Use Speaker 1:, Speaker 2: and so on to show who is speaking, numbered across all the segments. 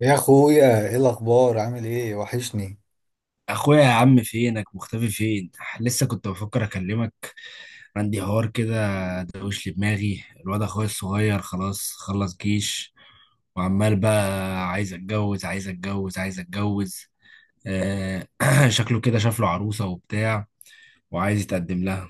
Speaker 1: يا اخويا ايه الاخبار؟ عامل ايه؟ وحشني.
Speaker 2: اخويا يا عم، فينك؟ مختفي فين؟ لسه كنت بفكر اكلمك. عندي حوار كده. دوش لي دماغي، الواد اخويا الصغير خلاص خلص جيش، وعمال بقى: عايز اتجوز، عايز اتجوز، عايز اتجوز. آه شكله كده شاف له عروسة وبتاع، وعايز يتقدم لها.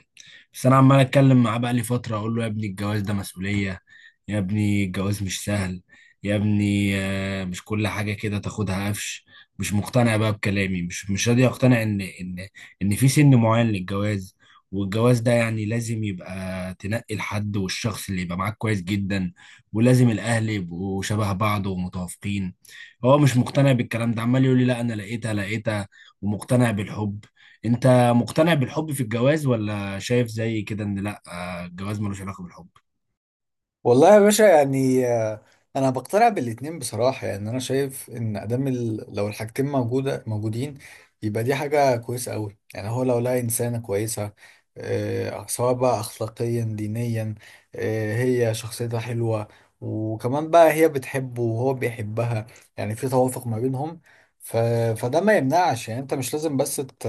Speaker 2: بس انا عمال اتكلم معاه بقى لي فتره، اقول له يا ابني الجواز ده مسؤوليه، يا ابني الجواز مش سهل، يا ابني، مش كل حاجه كده تاخدها قفش. مش مقتنع بقى بكلامي، مش راضي اقتنع ان ان في سن معين للجواز. والجواز ده يعني لازم يبقى تنقي الحد والشخص اللي يبقى معاك كويس جدا، ولازم الاهل يبقوا شبه بعض ومتوافقين. هو مش مقتنع بالكلام ده، عمال يقول لي لا انا لقيتها لقيتها، ومقتنع بالحب. انت مقتنع بالحب في الجواز، ولا شايف زي كده ان لا، الجواز ملوش علاقه بالحب؟
Speaker 1: والله يا باشا، يعني انا بقتنع بالاتنين بصراحه. يعني انا شايف ان ادام لو الحاجتين موجودين يبقى دي حاجه كويسه قوي. يعني هو لو لقى انسانه كويسه، سواء بقى اخلاقيا دينيا، هي شخصيتها حلوه، وكمان بقى هي بتحبه وهو بيحبها، يعني في توافق ما بينهم. ف... فده ما يمنعش. يعني انت مش لازم بس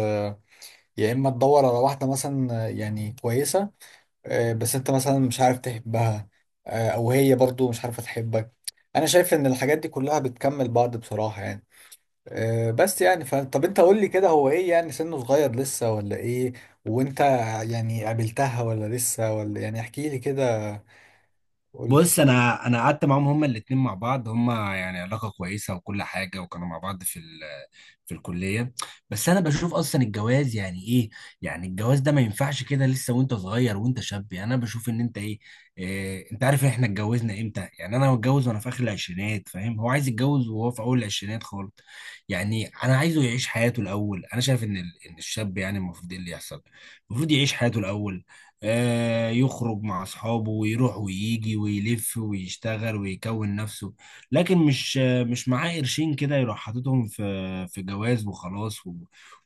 Speaker 1: يا اما تدور على واحده مثلا يعني كويسه، بس انت مثلا مش عارف تحبها، او هي برضو مش عارفة تحبك. انا شايف ان الحاجات دي كلها بتكمل بعض بصراحة يعني. طب انت قول لي كده، هو ايه يعني؟ سنه صغير لسه ولا ايه؟ وانت يعني قابلتها ولا لسه؟ ولا يعني احكي لي كده، قول لي.
Speaker 2: بص، انا قعدت معاهم هما الاتنين مع بعض، هما يعني علاقه كويسه وكل حاجه، وكانوا مع بعض في الكليه. بس انا بشوف اصلا الجواز يعني ايه. يعني الجواز ده ما ينفعش كده لسه وانت صغير وانت شاب، يعني انا بشوف ان انت إيه، انت عارف احنا اتجوزنا امتى؟ يعني انا متجوز وانا في اخر العشرينات فاهم، هو عايز يتجوز وهو في اول العشرينات خالص. يعني انا عايزه يعيش حياته الاول، انا شايف ان ان الشاب يعني المفروض ايه اللي يحصل؟ المفروض يعيش حياته الاول، يخرج مع أصحابه ويروح ويجي ويلف ويشتغل ويكون نفسه، لكن مش مش معاه قرشين كده يروح حاططهم في جواز وخلاص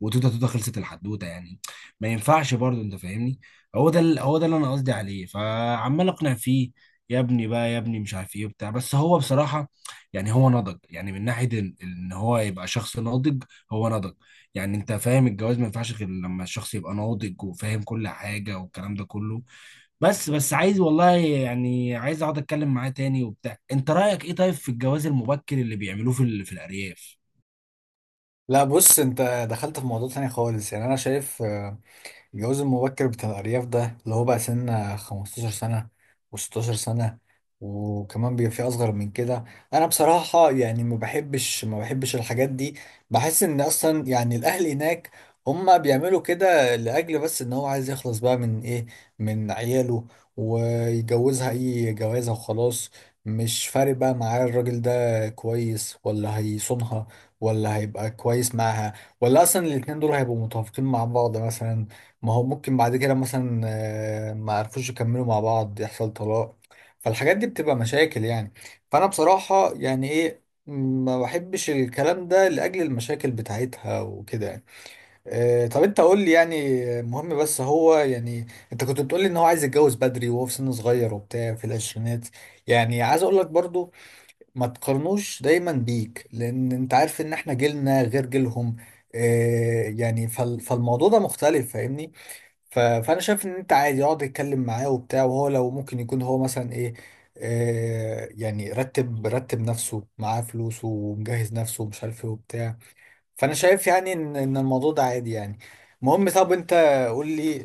Speaker 2: وتوتة توتة خلصت الحدوتة يعني. ما ينفعش برضه، أنت فاهمني. هو ده هو ده اللي أنا قصدي عليه، فعمال أقنع فيه يا ابني بقى، يا ابني مش عارف ايه وبتاع. بس هو بصراحة يعني هو نضج، يعني من ناحية إن هو يبقى شخص ناضج، هو نضج. يعني انت فاهم، الجواز ما ينفعش غير لما الشخص يبقى ناضج وفاهم كل حاجة والكلام ده كله. بس عايز والله، يعني عايز اقعد اتكلم معاه تاني وبتاع. انت رأيك ايه طيب في الجواز المبكر اللي بيعملوه في الارياف؟
Speaker 1: لا، بص انت دخلت في موضوع تاني خالص. يعني انا شايف الجواز المبكر بتاع الأرياف ده اللي هو بقى سن 15 سنة و16 سنة، وكمان بيبقى في أصغر من كده. أنا بصراحة يعني ما بحبش الحاجات دي. بحس إن أصلا يعني الأهل هناك هما بيعملوا كده لأجل بس إن هو عايز يخلص بقى من إيه، من عياله، ويجوزها أي جوازة وخلاص. مش فارق بقى معاه الراجل ده كويس ولا هيصونها، ولا هيبقى كويس معاها، ولا اصلا الاتنين دول هيبقوا متوافقين مع بعض مثلا. ما هو ممكن بعد كده مثلا ما عرفوش يكملوا مع بعض، يحصل طلاق. فالحاجات دي بتبقى مشاكل يعني. فانا بصراحة يعني ايه، ما بحبش الكلام ده لأجل المشاكل بتاعتها وكده يعني. طب انت قول لي يعني، مهم بس هو يعني، انت كنت بتقول لي ان هو عايز يتجوز بدري وهو في سن صغير وبتاع في العشرينات. يعني عايز اقول لك برضو ما تقارنوش دايما بيك، لان انت عارف ان احنا جيلنا غير جيلهم. فالموضوع ده مختلف، فاهمني؟ فانا شايف ان انت عادي اقعد اتكلم معاه وبتاع، وهو لو ممكن يكون هو مثلا ايه، يعني رتب نفسه، معاه فلوسه ومجهز نفسه ومش عارف ايه وبتاع. فانا شايف يعني ان الموضوع ده عادي يعني. المهم، طب انت قول لي،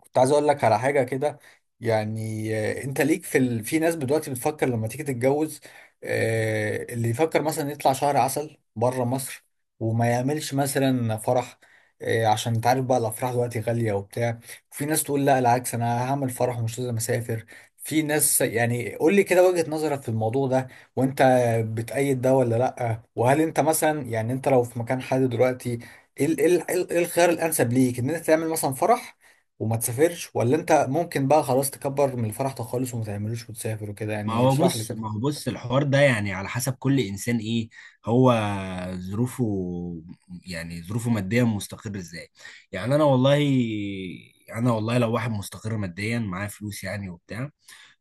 Speaker 1: كنت عايز اقول لك على حاجه كده. يعني انت ليك في ناس دلوقتي بتفكر لما تيجي تتجوز، اللي يفكر مثلا يطلع شهر عسل بره مصر وما يعملش مثلا فرح، عشان انت عارف بقى الافراح دلوقتي غاليه وبتاع. في ناس تقول لا، العكس، انا هعمل فرح ومش لازم اسافر. في ناس يعني قول لي كده وجهه نظرك في الموضوع ده، وانت بتأيد ده ولا لا؟ وهل انت مثلا يعني انت لو في مكان حد دلوقتي، ايه إيه الخيار الانسب ليك؟ ان انت تعمل مثلا فرح وما تسافرش، ولا انت ممكن بقى خلاص تكبر من الفرح ده خالص وما تعملوش وتسافر وكده؟
Speaker 2: ما
Speaker 1: يعني
Speaker 2: هو
Speaker 1: اشرح لي
Speaker 2: بص،
Speaker 1: كده.
Speaker 2: ما هو بص الحوار ده يعني على حسب كل انسان، ايه هو ظروفه؟ يعني ظروفه ماديا مستقر ازاي؟ يعني انا والله، انا والله لو واحد مستقر ماديا معاه فلوس يعني وبتاع،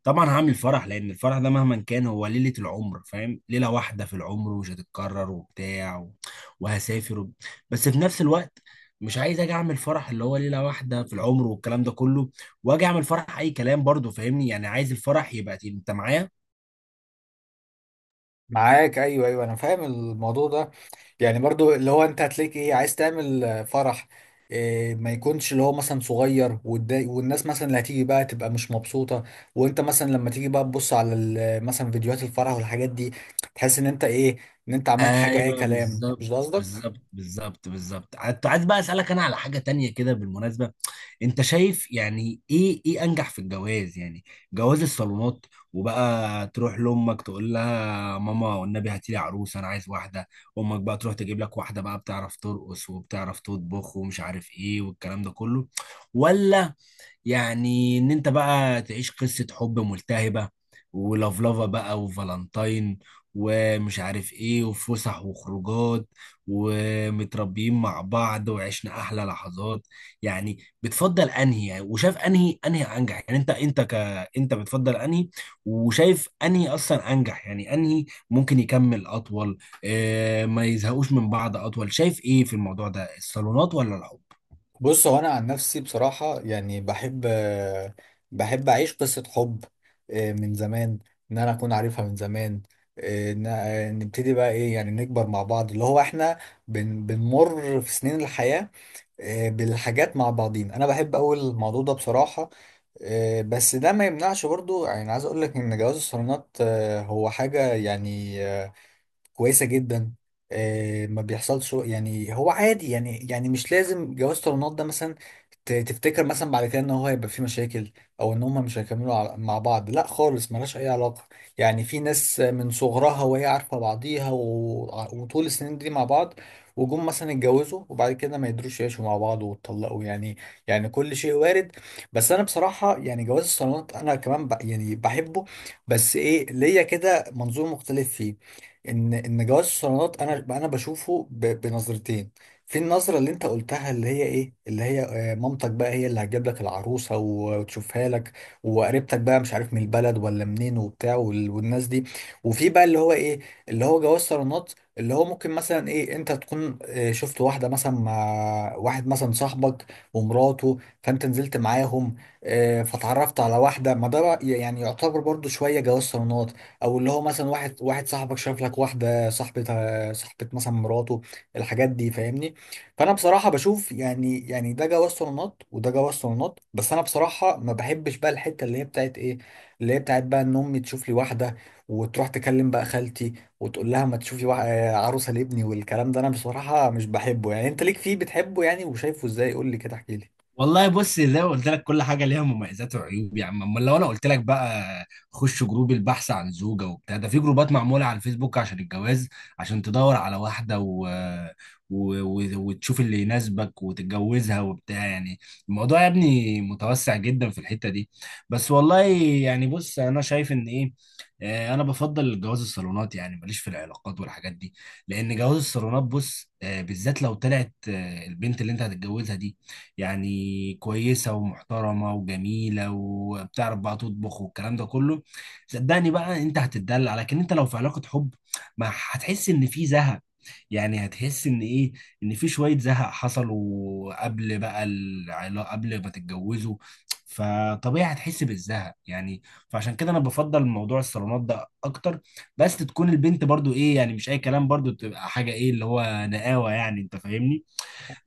Speaker 2: طبعا هعمل فرح، لان الفرح ده مهما كان هو ليلة العمر، فاهم، ليلة واحدة في العمر ومش هتتكرر وبتاع وهسافر بس في نفس الوقت مش عايز اجي اعمل فرح اللي هو ليلة واحدة في العمر والكلام ده كله، واجي اعمل فرح اي كلام برضو، فاهمني، يعني عايز الفرح يبقى انت معايا.
Speaker 1: معاك، ايوه ايوه، انا فاهم الموضوع ده. يعني برضو اللي هو انت هتلاقيك ايه، عايز تعمل فرح، إيه ما يكونش اللي هو مثلا صغير والناس مثلا اللي هتيجي بقى تبقى مش مبسوطة، وانت مثلا لما تيجي بقى تبص على مثلا فيديوهات الفرح والحاجات دي تحس ان انت ايه، ان انت عملت حاجة اي
Speaker 2: ايوه،
Speaker 1: كلام، مش ده
Speaker 2: بالظبط،
Speaker 1: قصدك.
Speaker 2: بالظبط، بالظبط، بالظبط. كنت عايز بقى اسالك انا على حاجه تانية كده بالمناسبه، انت شايف يعني ايه، انجح في الجواز؟ يعني جواز الصالونات، وبقى تروح لامك تقول لها ماما والنبي هاتي لي عروس، انا عايز واحده، امك بقى تروح تجيب لك واحده بقى بتعرف ترقص وبتعرف تطبخ ومش عارف ايه والكلام ده كله، ولا يعني ان انت بقى تعيش قصة حب ملتهبة ولفلفة بقى، وفالنتاين، ومش عارف ايه، وفسح وخروجات، ومتربيين مع بعض وعشنا احلى لحظات؟ يعني بتفضل انهي يعني، وشايف انهي انجح يعني؟ انت بتفضل انهي، وشايف انهي اصلا انجح يعني؟ انهي ممكن يكمل اطول، ما يزهقوش من بعض اطول؟ شايف ايه في الموضوع ده، الصالونات ولا الحب؟
Speaker 1: بص، هو انا عن نفسي بصراحه يعني بحب، بحب اعيش قصه حب من زمان، ان انا اكون عارفها من زمان، نبتدي بقى ايه، يعني نكبر مع بعض، اللي هو احنا بنمر في سنين الحياه بالحاجات مع بعضين. انا بحب اول الموضوع ده بصراحه. بس ده ما يمنعش برضو، يعني عايز اقول لك ان جواز الصالونات هو حاجه يعني كويسه جدا. ما بيحصلش يعني، هو عادي يعني. يعني مش لازم جواز طالونات ده مثلا تفتكر مثلا بعد كده ان هو هيبقى فيه مشاكل او ان هما مش هيكملوا مع بعض، لا خالص، ملهاش اي علاقه. يعني في ناس من صغرها وهي عارفه بعضيها وطول السنين دي مع بعض، وجم مثلا اتجوزوا وبعد كده ما يقدروش يعيشوا مع بعض واتطلقوا يعني. يعني كل شيء وارد. بس انا بصراحه يعني جواز الصالونات انا كمان يعني بحبه، بس ايه، ليا كده منظور مختلف فيه. ان جواز الصالونات انا بشوفه بنظرتين. في النظره اللي انت قلتها اللي هي ايه، اللي هي مامتك بقى هي اللي هتجيب لك العروسه وتشوفها لك، وقريبتك بقى مش عارف من البلد ولا منين وبتاع والناس دي. وفي بقى اللي هو ايه، اللي هو جواز صالونات اللي هو ممكن مثلا ايه، انت تكون شفت واحده مثلا مع واحد مثلا صاحبك ومراته، فانت نزلت معاهم، فتعرفت على واحده. ما ده بقى يعني يعتبر برضو شويه جواز صالونات. او اللي هو مثلا واحد صاحبك شاف لك واحده صاحبتها صاحبه مثلا مراته، الحاجات دي فاهمني. فانا بصراحه بشوف يعني، يعني ده جواز صالونات وده جواز صالونات. بس انا بصراحه ما بحبش بقى الحته اللي هي بتاعت ايه، اللي هي بتاعت بقى ان امي تشوف لي واحده وتروح تكلم بقى خالتي وتقول لها ما تشوفي عروسه لابني، والكلام ده انا بصراحه مش بحبه. يعني انت ليك فيه، بتحبه يعني وشايفه ازاي؟ قول لي كده، احكي لي.
Speaker 2: والله بص، زي ما قلت لك كل حاجه ليها مميزات وعيوب. يا عم، امال لو انا قلت لك بقى خش جروب البحث عن زوجه وبتاع، ده في جروبات معموله على الفيسبوك عشان الجواز، عشان تدور على واحده وتشوف اللي يناسبك وتتجوزها وبتاع يعني. الموضوع يا ابني متوسع جدا في الحته دي. بس والله يعني بص، انا شايف ان ايه، انا بفضل الجواز الصالونات، يعني ماليش في العلاقات والحاجات دي، لان جواز الصالونات بص، بالذات لو طلعت البنت اللي انت هتتجوزها دي يعني كويسة ومحترمة وجميلة وبتعرف بقى تطبخ والكلام ده كله، صدقني بقى انت هتتدلع. لكن انت لو في علاقة حب، ما هتحس ان في زهق، يعني هتحس ان ايه، ان في شوية زهق حصلوا قبل بقى العلاقة، قبل ما تتجوزوا، فطبيعي هتحس بالزهق يعني. فعشان كده انا بفضل موضوع الصالونات ده اكتر، بس تكون البنت برضو ايه، يعني مش اي كلام، برضو تبقى حاجة ايه اللي هو نقاوة يعني، انت فاهمني.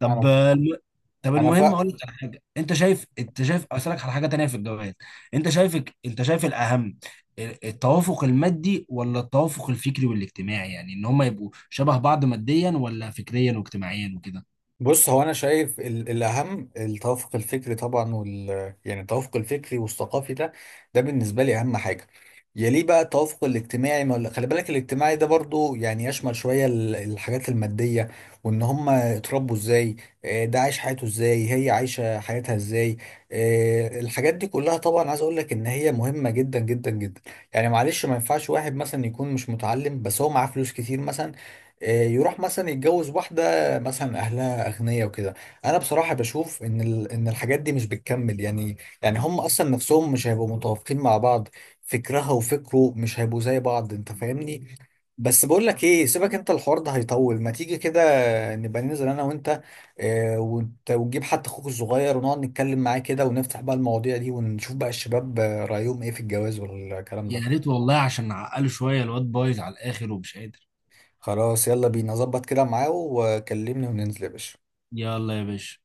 Speaker 2: طب
Speaker 1: انا
Speaker 2: الم- طب
Speaker 1: انا
Speaker 2: المهم
Speaker 1: فا...
Speaker 2: اقول لك على حاجه، انت شايف اسالك على حاجه تانية في الجواز، انت شايف الاهم، التوافق المادي ولا التوافق الفكري والاجتماعي؟ يعني ان هم يبقوا شبه بعض ماديا ولا فكريا واجتماعيا وكده.
Speaker 1: بص، هو انا شايف الاهم التوافق الفكري طبعا يعني التوافق الفكري والثقافي ده، ده بالنسبه لي اهم حاجه. يليه بقى التوافق الاجتماعي. ما ولا- خلي بالك الاجتماعي ده برضو يعني يشمل شويه الحاجات الماديه، وان هم اتربوا ازاي، ده عايش حياته ازاي، هي عايشه حياتها ازاي. الحاجات دي كلها طبعا عايز اقول لك ان هي مهمه جدا جدا جدا. يعني معلش، ما ينفعش واحد مثلا يكون مش متعلم بس هو معاه فلوس كتير مثلا، يروح مثلا يتجوز واحدة مثلا اهلها اغنياء وكده. انا بصراحه بشوف ان الحاجات دي مش بتكمل يعني. يعني هم اصلا نفسهم مش هيبقوا متوافقين مع بعض، فكرها وفكره مش هيبقوا زي بعض، انت فاهمني. بس بقول لك ايه، سيبك انت، الحوار ده هيطول، ما تيجي كده نبقى ننزل انا وانت ونجيب حتى اخوك الصغير، ونقعد نتكلم معاه كده، ونفتح بقى المواضيع دي، ونشوف بقى الشباب رايهم ايه في الجواز والكلام ده.
Speaker 2: يا ريت والله عشان نعقله شويه، الواد بايظ على الاخر ومش قادر.
Speaker 1: خلاص، يلا بينا، ظبط كده معاه وكلمني وننزل يا باشا.
Speaker 2: يلا يا باشا.